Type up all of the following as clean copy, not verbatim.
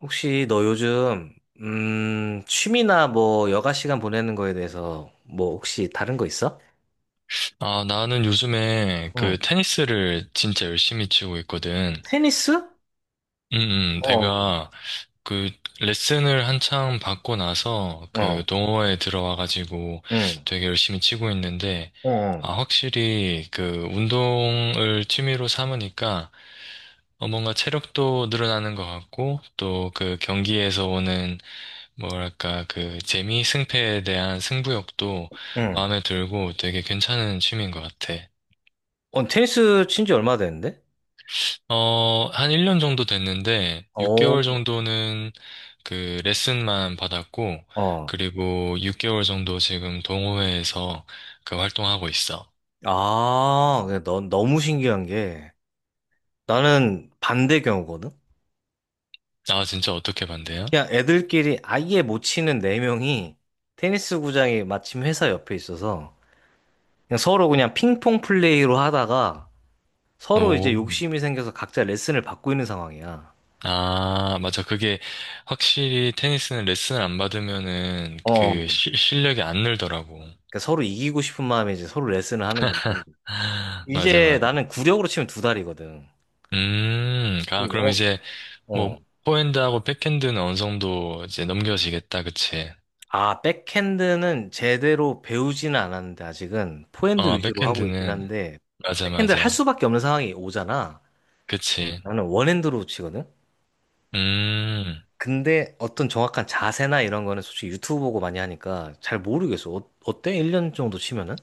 혹시 너 요즘 취미나 뭐 여가 시간 보내는 거에 대해서 뭐 혹시 다른 거 있어? 아, 나는 요즘에 그 응. 테니스를 진짜 열심히 치고 있거든. 테니스? 어. 내가 그 레슨을 한창 받고 나서 그 어. 동호회에 들어와가지고 응. 되게 열심히 치고 있는데, 어. 어. 아, 확실히 그 운동을 취미로 삼으니까 뭔가 체력도 늘어나는 것 같고, 또 그 경기에서 오는 뭐랄까 그 재미, 승패에 대한 승부욕도 응. 마음에 들고 되게 괜찮은 취미인 것 같아. 어, 테니스 친지 얼마 됐는데? 어, 한 1년 정도 됐는데, 어. 6개월 정도는 그 레슨만 받았고, 어. 그리고 6개월 정도 지금 동호회에서 그 활동하고 있어. 아, 근데 넌 너무 신기한 게 나는 반대 경우거든. 아, 진짜 어떻게 반대요? 그냥 애들끼리 아예 못 치는 네 명이 테니스 구장이 마침 회사 옆에 있어서 그냥 서로 그냥 핑퐁 플레이로 하다가 서로 이제 오, 욕심이 생겨서 각자 레슨을 받고 있는 상황이야. 아, 맞아. 그게 확실히 테니스는 레슨을 안 받으면은 어, 그 실력이 안 늘더라고. 그러니까 서로 이기고 싶은 마음에 이제 서로 레슨을 하는 건데. 아, 맞아, 이제 맞아. 나는 구력으로 치면 두 달이거든. 어, 아, 그럼 이제 뭐, 어. 포핸드하고 백핸드는 어느 정도 이제 넘겨지겠다, 그치? 아, 백핸드는 제대로 배우지는 않았는데 아직은 포핸드 어, 위주로 하고 있긴 백핸드는. 한데 맞아, 백핸드를 할 맞아. 수밖에 없는 상황이 오잖아. 그치. 나는 원핸드로 치거든. 음. 근데 어떤 정확한 자세나 이런 거는 솔직히 유튜브 보고 많이 하니까 잘 모르겠어. 어, 어때? 1년 정도 치면은?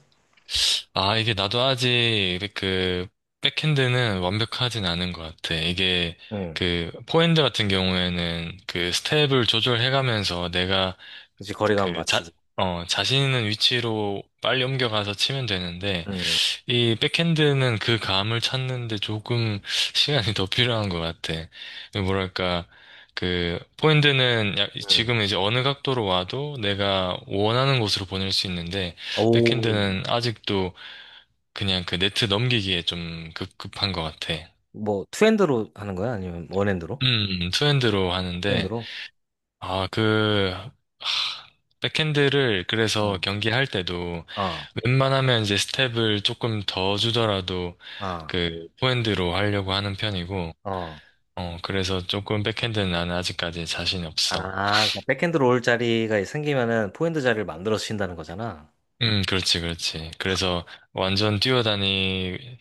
아, 이게 나도 아직 그 백핸드는 완벽하진 않은 것 같아. 이게 응. 그 포핸드 같은 경우에는 그 스텝을 조절해가면서 내가 그치, 거리감 그 자, 맞추고. 자신 있는 위치로 빨리 옮겨가서 치면 되는데 응. 이 백핸드는 그 감을 찾는데 조금 시간이 더 필요한 것 같아. 뭐랄까, 그, 포핸드는 응. 지금 이제 어느 각도로 와도 내가 원하는 곳으로 보낼 수 있는데, 오, 백핸드는 아직도 그냥 그 네트 넘기기에 좀 급한 것 같아. 뭐 투핸드로 하는 거야? 아니면 원핸드로? 투핸드로 하는데, 투핸드로? 아, 하, 백핸드를 그래서 응. 경기할 때도 어, 웬만하면 이제 스텝을 조금 더 주더라도 어, 그 포핸드로 하려고 하는 편이고, 어. 어, 그래서 조금 백핸드는 나는 아직까지 자신이 없어. 아, 그냥 백핸드로 올 자리가 생기면은 포핸드 자리를 만들어 주신다는 거잖아. 그렇지, 그렇지. 그래서 완전 뛰어다니,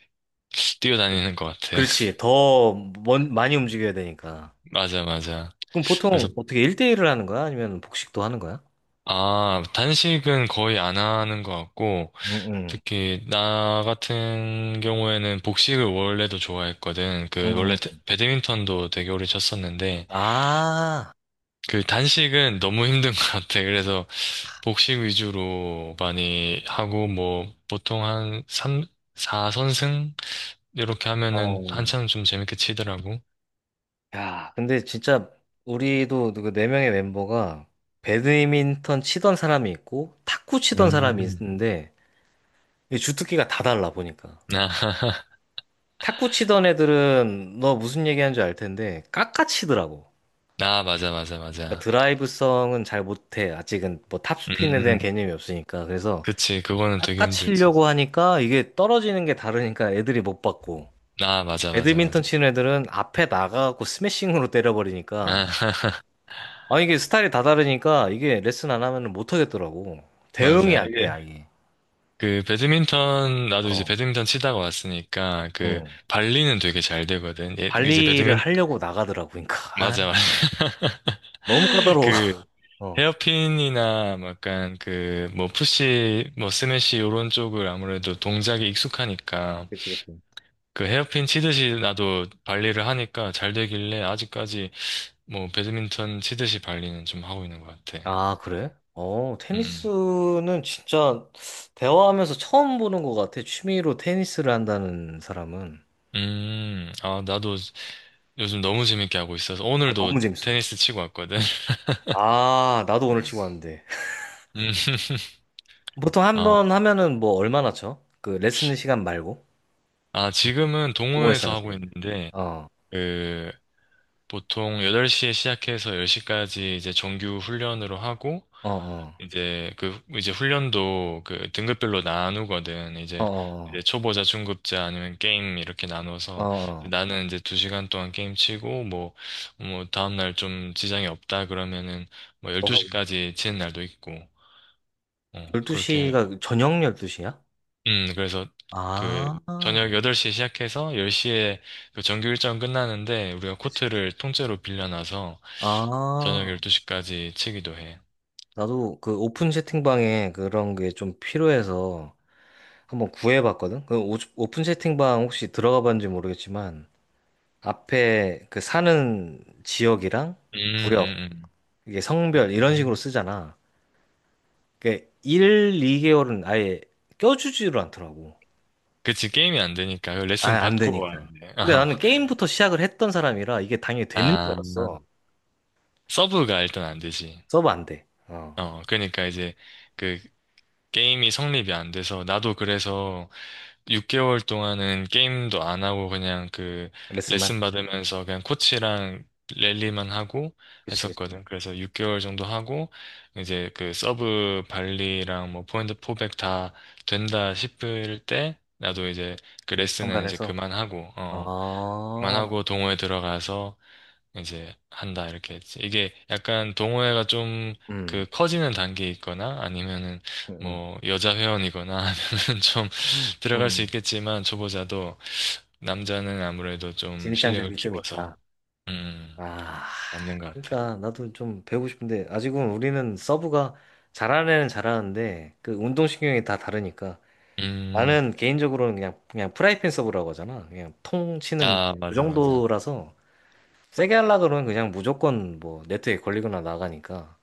뛰어다니는 것 같아. 그렇지. 더 먼, 많이 움직여야 되니까. 맞아, 맞아. 그럼 그래서, 보통 어떻게 1대1을 하는 거야? 아니면 복식도 하는 거야? 아, 단식은 거의 안 하는 것 같고, 응, 응, 특히 나 같은 경우에는 복식을 원래도 좋아했거든. 그, 원래 응. 배드민턴도 되게 오래 쳤었는데, 아, 그 단식은 너무 힘든 것 같아. 그래서 복식 위주로 많이 하고, 뭐, 보통 한 3, 4선승? 이렇게 하면은 어. 한참 좀 재밌게 치더라고. 야, 근데 진짜 우리도 그 네 명의 멤버가 배드민턴 치던 사람이 있고 탁구 치던 사람이 음, 있는데 이 주특기가 다 달라 보니까. 나, 탁구 치던 애들은 너 무슨 얘기하는지 알 텐데 깎아치더라고. 나, 맞아, 맞아, 그러니까 맞아. 드라이브성은 잘 못해. 아직은 뭐 탑스핀에 대한 음, 개념이 없으니까. 그래서 그치, 그거는 되게 힘들지. 깎아치려고 하니까 이게 떨어지는 게 다르니까 애들이 못 받고. 나, 맞아, 맞아, 맞아. 배드민턴 치는 애들은 앞에 나가고 스매싱으로 때려버리니까 아, 아, 이게 스타일이 다 다르니까 이게 레슨 안 하면 못 하겠더라고. 대응이 맞아. 안 돼, 이게, 아예. 그, 배드민턴, 나도 이제 어. 배드민턴 치다가 왔으니까, 그, 응. 발리는 되게 잘 되거든. 예, 관리를 하려고 나가더라고. 그러니까 아, 맞아, 맞아. 너무 까다로워. 그, 어. 헤어핀이나 뭐 약간 그 뭐 푸시 뭐 스매시 요런 쪽을 아무래도 동작이 익숙하니까 그치, 그치. 그 헤어핀 치듯이 나도 발리를 하니까 잘 되길래 아직까지 뭐 배드민턴 치듯이 발리는 좀 하고 있는 것 같아. 아, 그래? 어, 음. 테니스는 진짜 대화하면서 처음 보는 것 같아. 취미로 테니스를 한다는 사람은. 음. 음. 아, 나도 요즘 너무 재밌게 하고 있어서 아, 오늘도 너무 재밌어. 테니스 치고 왔거든. 아, 나도 오늘 치고 왔는데. 음. 보통 한 아, 번 하면은 뭐 얼마나 쳐? 그 레슨 시간 말고? 아, 지금은 동호회사 동호회에서 람 하고 끼리. 있는데, 어, 그, 보통 8시에 시작해서 10시까지 이제 정규 훈련으로 하고, 어, 어, 이제 그 훈련도 그 등급별로 나누거든. 이제 어, 초보자, 중급자 아니면 게임 이렇게 어, 어. 나눠서 어. 나는 이제 두 시간 동안 게임 치고 뭐 다음 날 좀 지장이 없다 그러면은 뭐 너 12시까지 치는 날도 있고. 어, 그렇게 12시가 저녁 12시야? 그래서 그 아, 저녁 8시에 시작해서 10시에 그 정규 일정 끝나는데 우리가 그치, 그치. 코트를 통째로 빌려놔서 저녁 아, 12시까지 치기도 해. 나도 그 오픈 채팅방에 그런 게 좀 필요해서 한번 구해봤거든? 그 오픈 채팅방 혹시 들어가 봤는지 모르겠지만, 앞에 그 사는 지역이랑 음, 구역, 음, 이게 성별, 이런 식으로 음. 쓰잖아. 그게 1, 2개월은 아예 껴주지를 않더라고. 그치, 게임이 안 되니까. 그 아예 레슨 안 받고 와야 되니까. 돼. 근데 어. 나는 게임부터 시작을 했던 사람이라 이게 당연히 되는 줄 아, 알았어. 서브가 일단 안 되지. 서버 안 돼. 어. 어, 그러니까 이제 그 게임이 성립이 안 돼서 나도 그래서 6개월 동안은 게임도 안 하고 그냥 그 레슨만. 레슨 받으면서 그냥 코치랑 랠리만 하고 그치, 그치. 했었거든. 그래서 6개월 정도 하고 이제 그 서브 발리랑 뭐 포인트 포백 다 된다 싶을 때 나도 이제 그 레슨은 참가를 이제 해서. 그만하고, 어, 아, 그만하고 동호회 들어가서 이제 한다 이렇게 했지. 이게 약간 동호회가 좀 음, 그 커지는 단계에 있거나 아니면은 음, 뭐 여자 회원이거나 하면은 좀 들어갈 수 음. 있겠지만 초보자도 남자는 아무래도 좀 실력을 진입장벽이 좀 키워서 있다. 음 아, 맞는 것 같아. 그러니까 나도 좀 배우고 싶은데 아직은 우리는 서브가 잘하는 애는 잘하는데 그 운동신경이 다 다르니까 음, 나는 개인적으로는 그냥 프라이팬 서브라고 하잖아. 그냥 통 치는 아, 그 맞아, 맞아. 아, 정도라서 세게 하려고 그러면 그냥 무조건 뭐 네트에 걸리거나 나가니까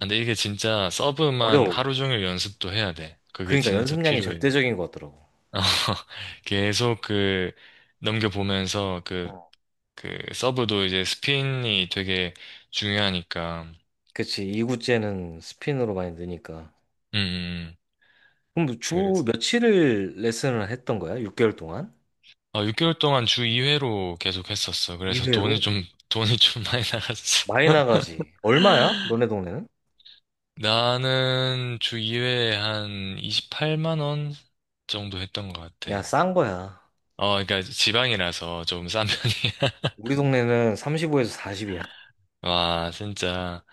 근데 이게 진짜 서브만 어려워. 하루 종일 연습도 해야 돼. 그게 그러니까 진짜 연습량이 필요해. 절대적인 것 같더라고. 어, 계속 그 넘겨보면서 어. 그 서브도 이제 스핀이 되게 중요하니까. 그치. 이구째는 스핀으로 많이 느니까. 음, 음. 그럼 주 그래서 며칠을 레슨을 했던 거야? 6개월 동안? 아, 6개월 동안 주 2회로 계속 했었어. 그래서 2회로? 돈이 좀 많이 나갔어. 많이 나가지. 얼마야? 너네 동네는? 나는 주 2회에 한 28만 원 정도 했던 것 같아. 야, 싼 거야. 어, 그러니까 지방이라서 좀 싼 편이야. 우리 동네는 35에서 40이야. 와, 진짜.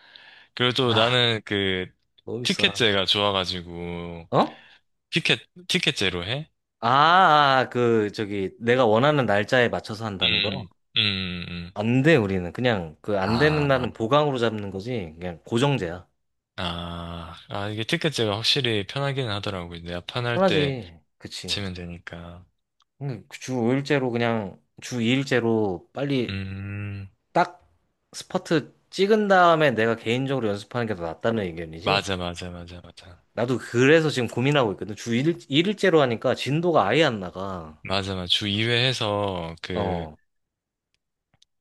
그리고 또 아, 나는 그 너무 비싸. 티켓제가 좋아가지고 어? 티켓 티켓제로 해? 아, 아, 그, 저기, 내가 원하는 날짜에 맞춰서 한다는 음, 거? 음, 음. 안 돼, 우리는. 그냥, 그, 안 되는 아. 날은 보강으로 잡는 거지. 그냥 고정제야. 아, 아, 이게 티켓제가 확실히 편하기는 하더라고요. 내가 판할 때 편하지. 그치. 치면 되니까. 응, 주 5일제로 그냥, 주 2일제로 빨리 음, 딱 스퍼트 찍은 다음에 내가 개인적으로 연습하는 게 더 낫다는 의견이지? 맞아, 맞아, 맞아, 맞아. 나도 그래서 지금 고민하고 있거든. 주 일째로 하니까 진도가 아예 안 나가. 맞아, 맞아. 주 2회 해서 어,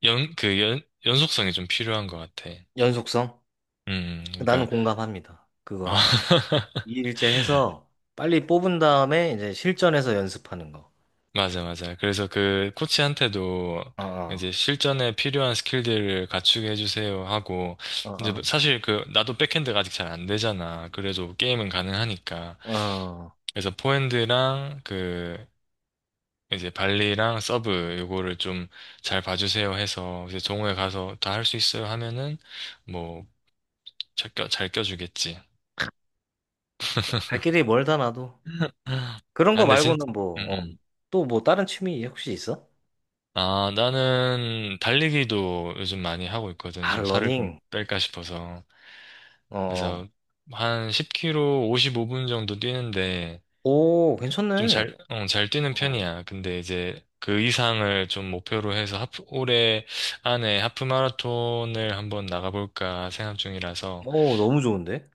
연, 그 연, 연속성이 좀 필요한 것 같아. 연속성? 나는 그러니까, 공감합니다. 그거 아, 주 2일째 해서 빨리 뽑은 다음에 이제 실전에서 연습하는 거. 맞아, 맞아. 그래서 그 코치한테도 어, 어, 이제 실전에 필요한 스킬들을 갖추게 해주세요 하고, 이제 뭐 어, 사실 그, 나도 백핸드가 아직 잘 안 되잖아. 그래도 게임은 가능하니까. 어. 어. 그래서 포핸드랑 그 이제 발리랑 서브 요거를 좀 잘 봐주세요 해서 이제 동호회 가서 다 할 수 있어요 하면은 뭐 잘 껴주겠지. 어쨌든 갈 길이 멀다 나도. 그런 아, 거 근데 말고는 음, 뭐, 어. 음. 또 뭐 다른 취미 혹시 있어? 아, 나는 달리기도 요즘 많이 하고 있거든. 아, 좀 살을 좀 러닝. 뺄까 싶어서. 어, 어. 그래서 한 1 0 k 오 55분 정도 뛰는데 오, 좀 괜찮네. 잘 뛰는 어, 편이야. 근데 이제 그 이상을 좀 목표로 해서 하프, 올해 안에 하프 마라톤을 한번 나가볼까 생각 중이라서. 오, 너무 좋은데?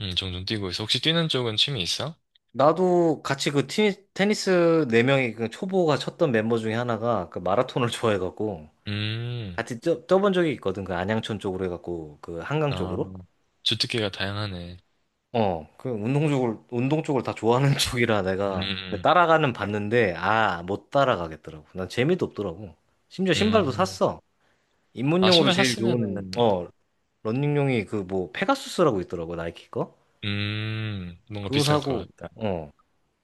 종종 뛰고 있어. 혹시 뛰는 쪽은 취미 있어? 나도 같이 그 테니스 네 명이 그 초보가 쳤던 멤버 중에 하나가 그 마라톤을 좋아해갖고 음, 같이 쪄뛰본 적이 있거든. 그 안양천 쪽으로 해갖고 그 한강 아, 쪽으로. 주특기가 다양하네. 어, 그 운동 쪽을 다 좋아하는 쪽이라 내가 그 음, 따라가는 봤는데 아, 못 따라가겠더라고. 난 재미도 없더라고. 심지어 신발도 음. 샀어. 아, 입문용으로 신발 제일 좋은 샀으면은, 어, 러닝용이 그 뭐 페가수스라고 있더라고, 나이키 거. 뭔가 그거 비쌀 것 사고 같다. 어.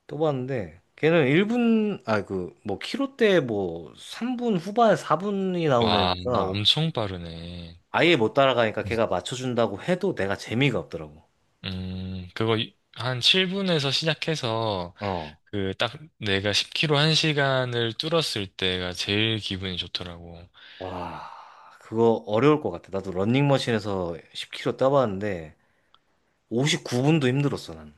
또 봤는데 걔는 1분 아 그 뭐 키로대 뭐 3분 후반 4분이 와, 나오니까 엄청 빠르네. 아예 못 따라가니까 걔가 맞춰준다고 해도 내가 재미가 없더라고. 그거 한 7분에서 시작해서, 어. 그, 딱 내가 10km 1시간을 뚫었을 때가 제일 기분이 좋더라고. 와, 그거 어려울 것 같아. 나도 런닝머신에서 10km 따봤는데 59분도 힘들었어 난.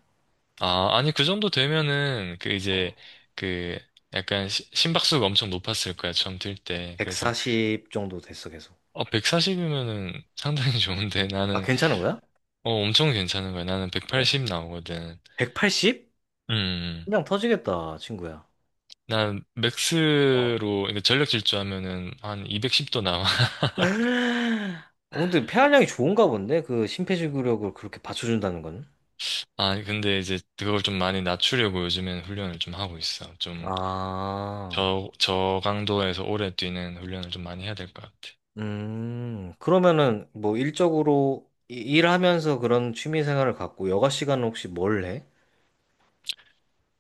아, 아니, 그 정도 되면은, 그 이제, 어. 그, 약간 심박수가 엄청 높았을 거야, 처음 뛸 때. 그래서 140 정도 됐어 계속. 어, 140이면은 상당히 좋은데 아, 나는 괜찮은 거야? 어 엄청 괜찮은 거야. 나는 그래? 180 나오거든. 180? 음. 음. 그냥 터지겠다 친구야. 난 어. 맥스로 이렇게 전력 질주하면은 한 210도 나와. 어, 근데 폐활량이 좋은가 본데? 그 심폐지구력을 그렇게 받쳐준다는 건? 아, 근데 이제 그걸 좀 많이 낮추려고 요즘엔 훈련을 좀 하고 있어. 좀 아, 저강도에서 오래 뛰는 훈련을 좀 많이 해야 될 것 같아. 그러면은 뭐 일적으로 일하면서 그런 취미 생활을 갖고 여가 시간은 혹시 뭘 해?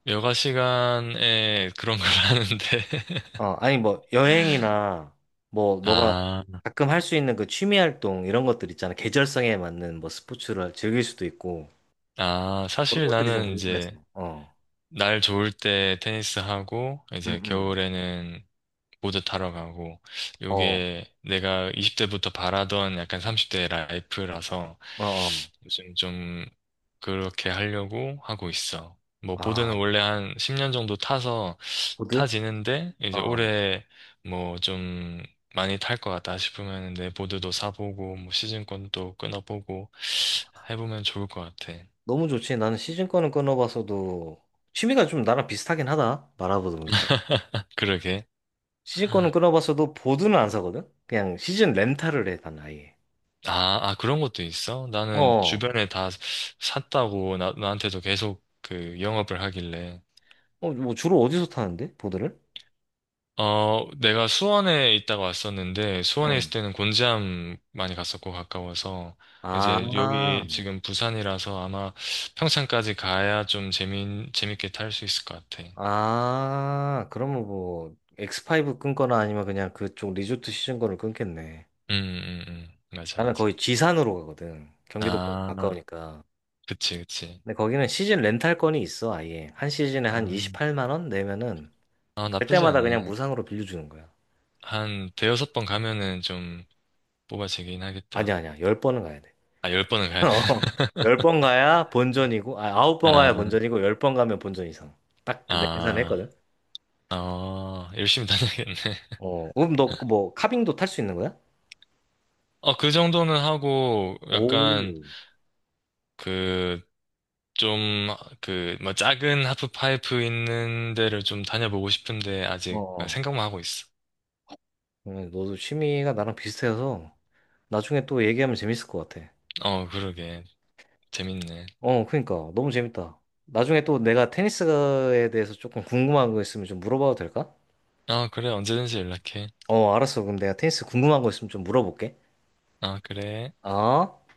여가 시간에 그런 걸 하는데 어, 아니 뭐 여행이나 뭐 너가 아, 가끔 할 수 있는 그 취미 활동 이런 것들 있잖아. 계절성에 맞는 뭐 스포츠를 즐길 수도 있고 아, 그런 사실 것들이 좀 나는 이제 궁금해서. 어, 날 좋을 때 테니스 하고, 음, 이제 음, 겨울에는 보드 타러 가고, 어, 요게 내가 20대부터 바라던 약간 30대 라이프라서 어, 어. 요즘 좀 그렇게 하려고 하고 있어. 뭐, 아, 보드는 원래 한 10년 정도 타서 보드? 타지는데, 이제 어. 올해 뭐 좀 많이 탈 것 같다 싶으면 내 보드도 사보고, 뭐 시즌권도 끊어보고 해보면 좋을 것 같아. 너무 좋지. 나는 시즌 거는 끊어봤어도 취미가 좀 나랑 비슷하긴 하다. 말아보다 보니까. 그러게. 시즌 거는 끊어봤어도 보드는 안 사거든? 그냥 시즌 렌탈을 해, 난 아예. 아, 그런 것도 있어? 나는 어. 주변에 다 샀다고 나한테도 계속 그 영업을 하길래. 어, 뭐 주로 어디서 타는데? 보드를? 어, 내가 수원에 있다가 왔었는데, 수원에 응. 있을 때는 곤지암 많이 갔었고, 가까워서. 이제 아, 여기 지금 부산이라서 아마 평창까지 가야 좀 재밌게 탈 수 있을 것 같아. 아, 그러면 뭐, X5 끊거나 아니면 그냥 그쪽 리조트 시즌 거를 끊겠네. 음. 맞아, 나는 맞아. 거의 지산으로 가거든. 경기도권 아, 가까우니까. 그치, 그치. 근데 거기는 시즌 렌탈권이 있어, 아예. 한 시즌에 한 아, 28만 원 내면은 아, 갈 나쁘지 때마다 그냥 않네. 무상으로 빌려주는 거야. 한 대여섯 번 가면은 좀 뽑아지긴 하겠다. 아니야, 아니야. 열 번은 가야 돼. 아, 열 번은 가야 돼. 열 번 가야 본전이고, 아, 아홉 번 아, 가야 본전이고, 열 번 가면 본전 이상. 딱 내가 아, 계산했거든. 열심히 다녀야겠네. 어, 그럼 너 그 뭐 카빙도 탈 수 있는 거야? 어, 그 정도는 하고, 약간, 오. 그, 좀, 그, 뭐, 작은 하프파이프 있는 데를 좀 다녀보고 싶은데, 어, 아직 어. 생각만 하고 있어. 그러면 너도 취미가 나랑 비슷해서 나중에 또 얘기하면 재밌을 것 같아. 어, 그러게. 재밌네. 어, 그러니까 너무 재밌다. 나중에 또 내가 테니스에 대해서 조금 궁금한 거 있으면 좀 물어봐도 될까? 아, 그래, 언제든지 연락해. 어, 알았어. 그럼 내가 테니스 궁금한 거 있으면 좀 물어볼게. 아, 그래. 어?